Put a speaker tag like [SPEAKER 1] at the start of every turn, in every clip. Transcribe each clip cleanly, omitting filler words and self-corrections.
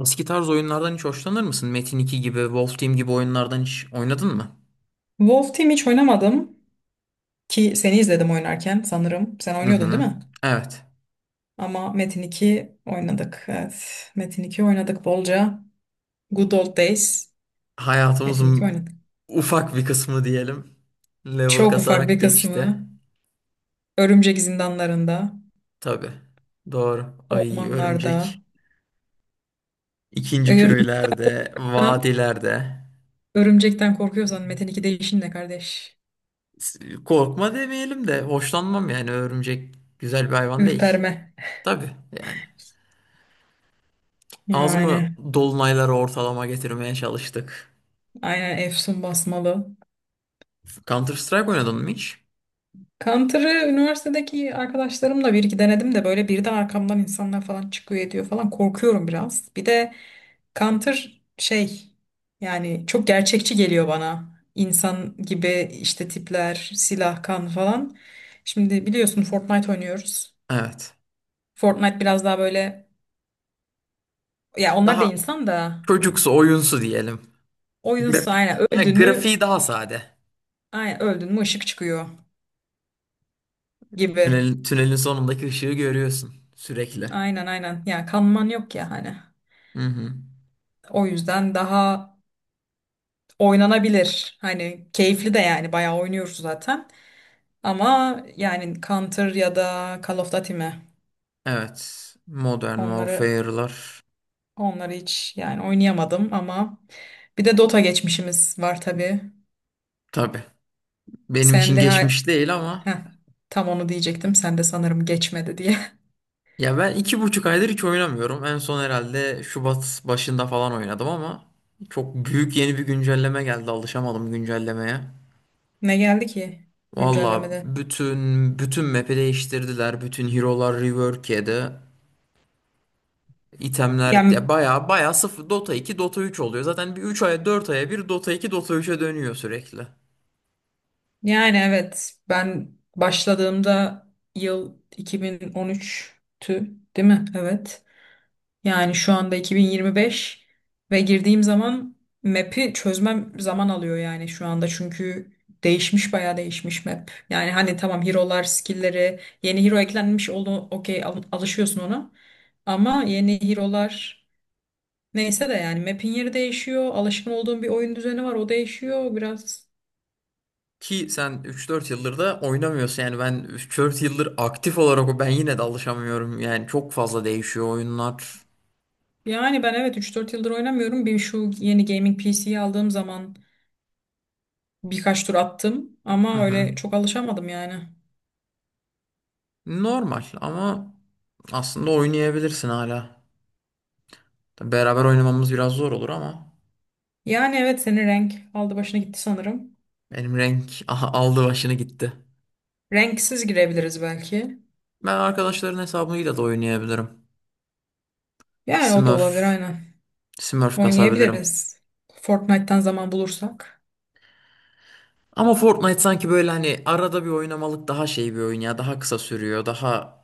[SPEAKER 1] Eski tarz oyunlardan hiç hoşlanır mısın? Metin 2 gibi, Wolf Team gibi oyunlardan hiç oynadın mı?
[SPEAKER 2] Wolf Team hiç oynamadım ki seni izledim oynarken sanırım. Sen
[SPEAKER 1] Hı
[SPEAKER 2] oynuyordun değil
[SPEAKER 1] hı.
[SPEAKER 2] mi?
[SPEAKER 1] Evet.
[SPEAKER 2] Ama Metin 2 oynadık. Evet. Metin 2 oynadık bolca. Good Old Days. Metin 2
[SPEAKER 1] Hayatımızın
[SPEAKER 2] oynadık.
[SPEAKER 1] ufak bir kısmı diyelim. Level
[SPEAKER 2] Çok ufak bir
[SPEAKER 1] kasarak geçti.
[SPEAKER 2] kısmı. Örümcek zindanlarında,
[SPEAKER 1] Tabii. Doğru. Ay
[SPEAKER 2] ormanlarda.
[SPEAKER 1] örümcek. İkinci
[SPEAKER 2] Örümcekten,
[SPEAKER 1] köylerde, vadilerde.
[SPEAKER 2] örümcekten korkuyorsan Metin 2'de işin ne kardeş?
[SPEAKER 1] S- Korkma demeyelim de hoşlanmam yani örümcek güzel bir hayvan değil.
[SPEAKER 2] Ürperme.
[SPEAKER 1] Tabii yani. Az mı
[SPEAKER 2] Yani
[SPEAKER 1] dolunayları ortalama getirmeye çalıştık?
[SPEAKER 2] aynen Efsun basmalı.
[SPEAKER 1] Counter Strike oynadın mı hiç?
[SPEAKER 2] Counter'ı üniversitedeki arkadaşlarımla bir iki denedim de böyle bir de arkamdan insanlar falan çıkıyor ediyor falan korkuyorum biraz. Bir de Counter şey yani çok gerçekçi geliyor bana. İnsan gibi işte tipler, silah, kan falan. Şimdi biliyorsun Fortnite oynuyoruz.
[SPEAKER 1] Evet.
[SPEAKER 2] Fortnite biraz daha böyle ya onlar da
[SPEAKER 1] Daha
[SPEAKER 2] insan da
[SPEAKER 1] çocuksu, oyunsu diyelim. Grafik,
[SPEAKER 2] aynen
[SPEAKER 1] ha,
[SPEAKER 2] öldün mü
[SPEAKER 1] Grafiği daha sade.
[SPEAKER 2] aynen öldün mü ışık çıkıyor gibi.
[SPEAKER 1] Tünelin sonundaki ışığı görüyorsun sürekli.
[SPEAKER 2] Aynen aynen ya kanman yok ya hani.
[SPEAKER 1] Hı hı.
[SPEAKER 2] O yüzden daha oynanabilir. Hani keyifli de yani bayağı oynuyoruz zaten. Ama yani Counter ya da Call of Duty mi?
[SPEAKER 1] Evet. Modern
[SPEAKER 2] Onları
[SPEAKER 1] Warfare'lar.
[SPEAKER 2] onları hiç yani oynayamadım ama bir de Dota geçmişimiz var tabii.
[SPEAKER 1] Tabii. Benim
[SPEAKER 2] Sen
[SPEAKER 1] için
[SPEAKER 2] de ha-
[SPEAKER 1] geçmiş değil ama
[SPEAKER 2] heh, tam onu diyecektim. Sen de sanırım geçmedi diye.
[SPEAKER 1] ya ben iki buçuk aydır hiç oynamıyorum. En son herhalde Şubat başında falan oynadım ama çok büyük yeni bir güncelleme geldi. Alışamadım güncellemeye.
[SPEAKER 2] Ne geldi ki
[SPEAKER 1] Valla
[SPEAKER 2] güncellemede?
[SPEAKER 1] bütün map'i değiştirdiler. Bütün hero'lar rework yedi. İtemler
[SPEAKER 2] Yani,
[SPEAKER 1] ya baya baya sıfır Dota iki Dota üç oluyor. Zaten bir 3 aya 4 aya bir Dota iki Dota üç'e dönüyor sürekli.
[SPEAKER 2] yani, evet ben başladığımda yıl 2013'tü değil mi? Evet. Yani şu anda 2025 ve girdiğim zaman map'i çözmem zaman alıyor yani şu anda çünkü değişmiş bayağı değişmiş map. Yani hani tamam hero'lar, skill'leri, yeni hero eklenmiş oldu okey alışıyorsun ona. Ama yeni hero'lar neyse de yani map'in yeri değişiyor. Alışkın olduğum bir oyun düzeni var o değişiyor biraz.
[SPEAKER 1] Ki sen üç dört yıldır da oynamıyorsun yani ben 3-4 yıldır aktif olarak ben yine de alışamıyorum. Yani çok fazla değişiyor oyunlar.
[SPEAKER 2] Yani ben evet 3-4 yıldır oynamıyorum. Bir şu yeni gaming PC'yi aldığım zaman birkaç tur attım
[SPEAKER 1] Hı
[SPEAKER 2] ama
[SPEAKER 1] hı.
[SPEAKER 2] öyle çok alışamadım yani.
[SPEAKER 1] Normal ama aslında oynayabilirsin hala. Tabii beraber oynamamız biraz zor olur ama
[SPEAKER 2] Yani evet senin renk aldı başına gitti sanırım.
[SPEAKER 1] benim renk aha, aldı başını gitti.
[SPEAKER 2] Renksiz girebiliriz belki.
[SPEAKER 1] Ben arkadaşların hesabıyla da oynayabilirim.
[SPEAKER 2] Yani o da
[SPEAKER 1] Smurf,
[SPEAKER 2] olabilir aynen.
[SPEAKER 1] Smurf kasabilirim.
[SPEAKER 2] Oynayabiliriz. Fortnite'tan zaman bulursak.
[SPEAKER 1] Ama Fortnite sanki böyle hani arada bir oynamalık daha şey bir oyun ya. Daha kısa sürüyor. Daha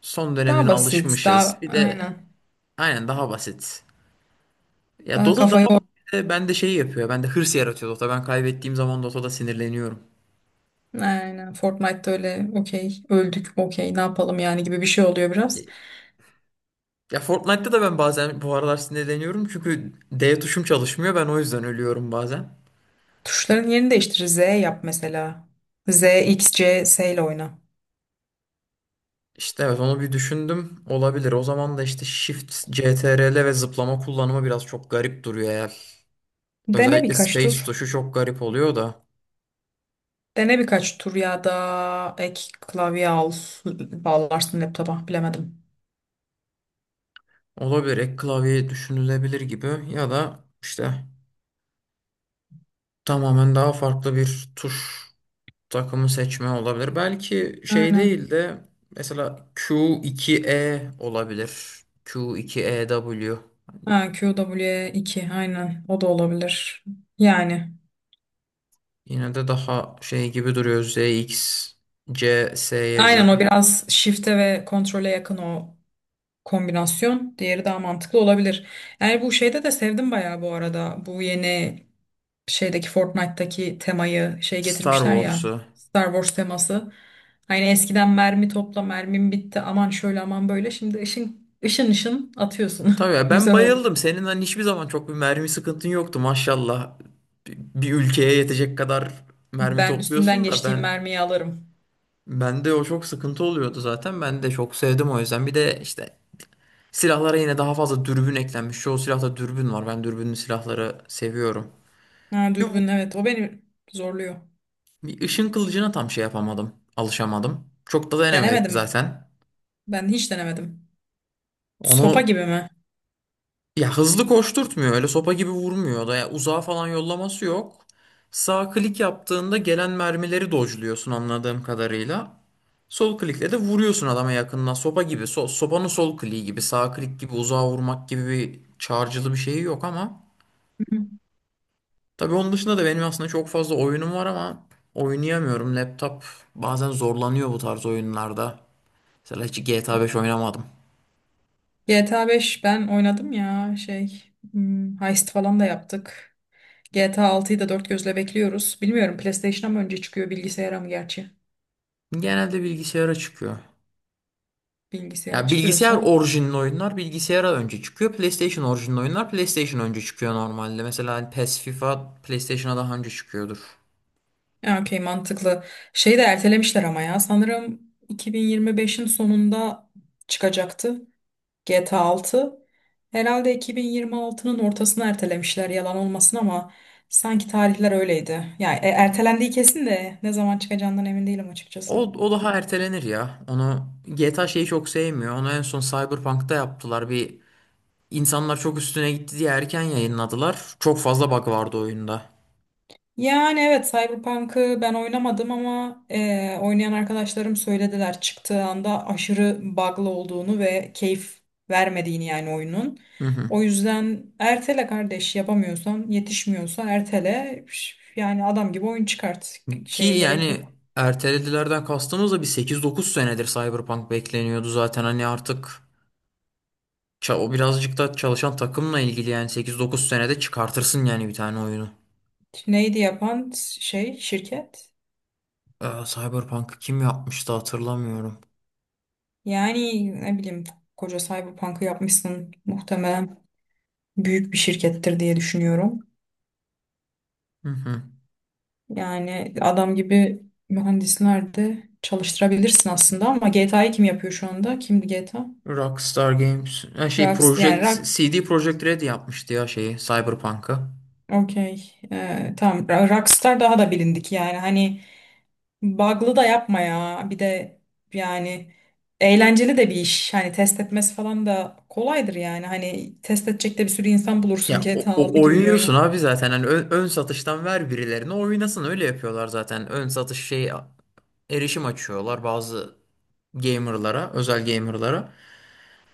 [SPEAKER 1] son dönemine
[SPEAKER 2] Daha basit,
[SPEAKER 1] alışmışız.
[SPEAKER 2] daha
[SPEAKER 1] Bir de
[SPEAKER 2] aynen.
[SPEAKER 1] aynen daha basit. Ya
[SPEAKER 2] Daha
[SPEAKER 1] Dota
[SPEAKER 2] kafayı or-
[SPEAKER 1] daha bende şey yapıyor. Bende hırs yaratıyor Dota. Ben kaybettiğim zaman Dota'da sinirleniyorum.
[SPEAKER 2] Aynen. Fortnite'da öyle okey, öldük okey ne yapalım yani gibi bir şey oluyor biraz.
[SPEAKER 1] Ya Fortnite'da da ben bazen bu aralar sinirleniyorum. Çünkü D tuşum çalışmıyor. Ben o yüzden ölüyorum bazen.
[SPEAKER 2] Tuşların yerini değiştir. Z yap mesela. Z, X, C, S ile oyna.
[SPEAKER 1] İşte evet onu bir düşündüm. Olabilir. O zaman da işte Shift, CTRL ve zıplama kullanımı biraz çok garip duruyor eğer.
[SPEAKER 2] Dene
[SPEAKER 1] Özellikle
[SPEAKER 2] birkaç
[SPEAKER 1] Space
[SPEAKER 2] tur.
[SPEAKER 1] tuşu çok garip oluyor da.
[SPEAKER 2] Dene birkaç tur ya da ek klavye al, bağlarsın laptopa bilemedim.
[SPEAKER 1] Olabilir, ek klavye düşünülebilir gibi ya da işte tamamen daha farklı bir tuş takımı seçme olabilir. Belki şey değil
[SPEAKER 2] Aynen.
[SPEAKER 1] de mesela Q2E olabilir. Q2EW
[SPEAKER 2] Ha, QW2 aynen o da olabilir. Yani
[SPEAKER 1] yine de daha şey gibi duruyor ZX CS'ye göre.
[SPEAKER 2] aynen o biraz shift'e ve kontrole yakın o kombinasyon. Diğeri daha mantıklı olabilir. Yani bu şeyde de sevdim bayağı bu arada. Bu yeni şeydeki Fortnite'taki temayı şey
[SPEAKER 1] Star
[SPEAKER 2] getirmişler ya
[SPEAKER 1] Wars'u.
[SPEAKER 2] Star Wars teması. Hani eskiden mermi topla mermim bitti aman şöyle aman böyle. Şimdi ışın ışın ışın
[SPEAKER 1] Tabii
[SPEAKER 2] atıyorsun.
[SPEAKER 1] ya ben
[SPEAKER 2] Güzel oldu.
[SPEAKER 1] bayıldım. Senin hani hiçbir zaman çok bir mermi sıkıntın yoktu maşallah. Bir ülkeye yetecek kadar mermi
[SPEAKER 2] Ben üstünden
[SPEAKER 1] topluyorsun da
[SPEAKER 2] geçtiğim
[SPEAKER 1] ben
[SPEAKER 2] mermiyi alırım.
[SPEAKER 1] bende o çok sıkıntı oluyordu zaten. Ben de çok sevdim o yüzden. Bir de işte silahlara yine daha fazla dürbün eklenmiş. Çoğu silahta dürbün var. Ben dürbünlü silahları seviyorum.
[SPEAKER 2] Ha,
[SPEAKER 1] Şu bu-
[SPEAKER 2] dürbün evet o beni zorluyor.
[SPEAKER 1] bir ışın kılıcına tam şey yapamadım. Alışamadım. Çok da denemedik
[SPEAKER 2] Denemedim.
[SPEAKER 1] zaten.
[SPEAKER 2] Ben hiç denemedim. Sopa
[SPEAKER 1] Onu
[SPEAKER 2] gibi mi?
[SPEAKER 1] ya hızlı koşturtmuyor. Öyle sopa gibi vurmuyor da. Ya uzağa falan yollaması yok. Sağ klik yaptığında gelen mermileri dodge'luyorsun anladığım kadarıyla. Sol klikle de vuruyorsun adama yakından. Sopa gibi. Sopanın sol kliği gibi. Sağ klik gibi uzağa vurmak gibi bir çağrıcılı bir şeyi yok ama.
[SPEAKER 2] Hı hı.
[SPEAKER 1] Tabii onun dışında da benim aslında çok fazla oyunum var ama oynayamıyorum. Laptop bazen zorlanıyor bu tarz oyunlarda. Mesela hiç GTA 5 oynamadım.
[SPEAKER 2] GTA 5 ben oynadım ya heist falan da yaptık. GTA 6'yı da dört gözle bekliyoruz. Bilmiyorum PlayStation'a mı önce çıkıyor bilgisayara mı gerçi?
[SPEAKER 1] Genelde bilgisayara çıkıyor.
[SPEAKER 2] Bilgisayara
[SPEAKER 1] Ya bilgisayar
[SPEAKER 2] çıkıyorsa.
[SPEAKER 1] orijinli oyunlar bilgisayara önce çıkıyor. PlayStation orijinli oyunlar PlayStation önce çıkıyor normalde. Mesela hani PES, FIFA PlayStation'a daha önce çıkıyordur.
[SPEAKER 2] Ya okey mantıklı. Şeyi de ertelemişler ama ya sanırım 2025'in sonunda çıkacaktı. GTA 6 herhalde 2026'nın ortasına ertelemişler yalan olmasın ama sanki tarihler öyleydi. Yani ertelendiği kesin de ne zaman çıkacağından emin değilim açıkçası.
[SPEAKER 1] O daha ertelenir ya. Onu GTA şeyi çok sevmiyor. Onu en son Cyberpunk'ta yaptılar. Bir insanlar çok üstüne gitti diye erken yayınladılar. Çok fazla bug vardı oyunda.
[SPEAKER 2] Yani evet Cyberpunk'ı ben oynamadım ama oynayan arkadaşlarım söylediler çıktığı anda aşırı bug'lı olduğunu ve keyif vermediğini yani oyunun.
[SPEAKER 1] Hı hı.
[SPEAKER 2] O yüzden ertele kardeş yapamıyorsan yetişmiyorsa ertele yani adam gibi oyun çıkart
[SPEAKER 1] Ki
[SPEAKER 2] şeye gerek
[SPEAKER 1] yani
[SPEAKER 2] yok.
[SPEAKER 1] erteledilerden kastımız da bir 8-9 senedir Cyberpunk bekleniyordu zaten. Hani artık o birazcık da çalışan takımla ilgili yani 8-9 senede çıkartırsın yani bir tane oyunu.
[SPEAKER 2] Neydi yapan şey şirket?
[SPEAKER 1] Cyberpunk'ı kim yapmıştı hatırlamıyorum.
[SPEAKER 2] Yani ne bileyim koca Cyberpunk'ı yapmışsın muhtemelen büyük bir şirkettir diye düşünüyorum.
[SPEAKER 1] Hı hı.
[SPEAKER 2] Yani adam gibi mühendisler de çalıştırabilirsin aslında ama GTA'yı kim yapıyor şu anda? Kimdi GTA?
[SPEAKER 1] Rockstar Games. Ha şey
[SPEAKER 2] Rockstar yani
[SPEAKER 1] Project
[SPEAKER 2] Rock
[SPEAKER 1] CD Projekt Red yapmıştı ya şeyi Cyberpunk'ı.
[SPEAKER 2] okey tamam Rockstar daha da bilindik yani hani Bug'lı da yapma ya. Bir de yani eğlenceli de bir iş. Hani test etmesi falan da kolaydır yani. Hani test edecek de bir sürü insan bulursun
[SPEAKER 1] Ya
[SPEAKER 2] GTA 6 gibi bir
[SPEAKER 1] oynuyorsun
[SPEAKER 2] oyunu.
[SPEAKER 1] abi zaten hani ön satıştan ver birilerine oynasın, öyle yapıyorlar zaten. Ön satış şey erişim açıyorlar bazı gamerlara, özel gamerlara.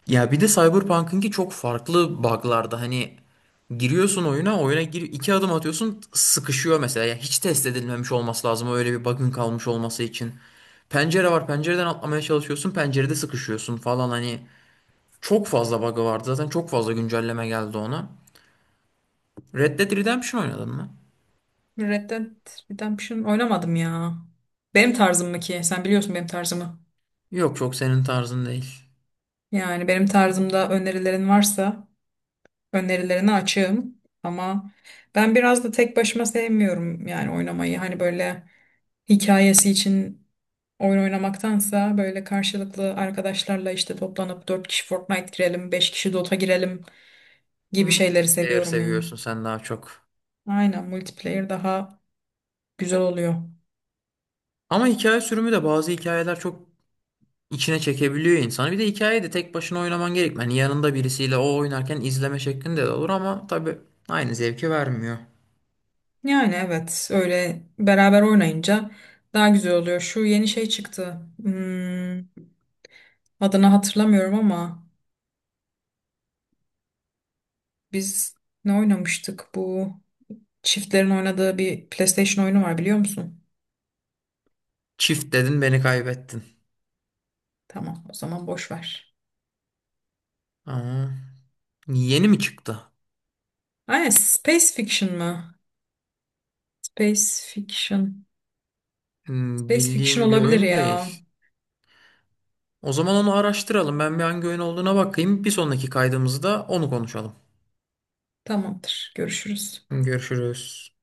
[SPEAKER 1] Ya bir de Cyberpunk'ınki çok farklı bug'larda hani giriyorsun oyuna, oyuna gir iki adım atıyorsun sıkışıyor mesela. Ya hiç test edilmemiş olması lazım öyle bir bug'ın kalmış olması için. Pencere var, pencereden atlamaya çalışıyorsun, pencerede sıkışıyorsun falan, hani çok fazla bug'ı vardı zaten, çok fazla güncelleme geldi ona. Red Dead Redemption oynadın mı?
[SPEAKER 2] Red Dead Redemption oynamadım ya. Benim tarzım mı ki? Sen biliyorsun benim tarzımı.
[SPEAKER 1] Yok çok senin tarzın değil.
[SPEAKER 2] Yani benim tarzımda önerilerin varsa önerilerine açığım ama ben biraz da tek başıma sevmiyorum yani oynamayı. Hani böyle hikayesi için oyun oynamaktansa böyle karşılıklı arkadaşlarla işte toplanıp 4 kişi Fortnite girelim, 5 kişi Dota girelim gibi şeyleri
[SPEAKER 1] Multiplayer
[SPEAKER 2] seviyorum yani.
[SPEAKER 1] seviyorsun sen daha çok.
[SPEAKER 2] Aynen multiplayer daha güzel oluyor.
[SPEAKER 1] Ama hikaye sürümü de bazı hikayeler çok içine çekebiliyor insanı. Bir de hikayeyi de tek başına oynaman gerekmiyor. Yani yanında birisiyle o oynarken izleme şeklinde de olur ama tabii aynı zevki vermiyor.
[SPEAKER 2] Yani evet öyle beraber oynayınca daha güzel oluyor. Şu yeni şey çıktı. Hmm, adını hatırlamıyorum ama biz ne oynamıştık bu? Çiftlerin oynadığı bir PlayStation oyunu var biliyor musun?
[SPEAKER 1] Çift dedin, beni kaybettin.
[SPEAKER 2] Tamam, o zaman boş ver.
[SPEAKER 1] Ama yeni mi çıktı?
[SPEAKER 2] Aynen, Space Fiction mı? Space Fiction.
[SPEAKER 1] Hmm,
[SPEAKER 2] Space Fiction
[SPEAKER 1] bildiğim bir
[SPEAKER 2] olabilir
[SPEAKER 1] oyun
[SPEAKER 2] ya.
[SPEAKER 1] değil. O zaman onu araştıralım. Ben bir hangi oyun olduğuna bakayım. Bir sonraki kaydımızda onu konuşalım.
[SPEAKER 2] Tamamdır. Görüşürüz.
[SPEAKER 1] Görüşürüz.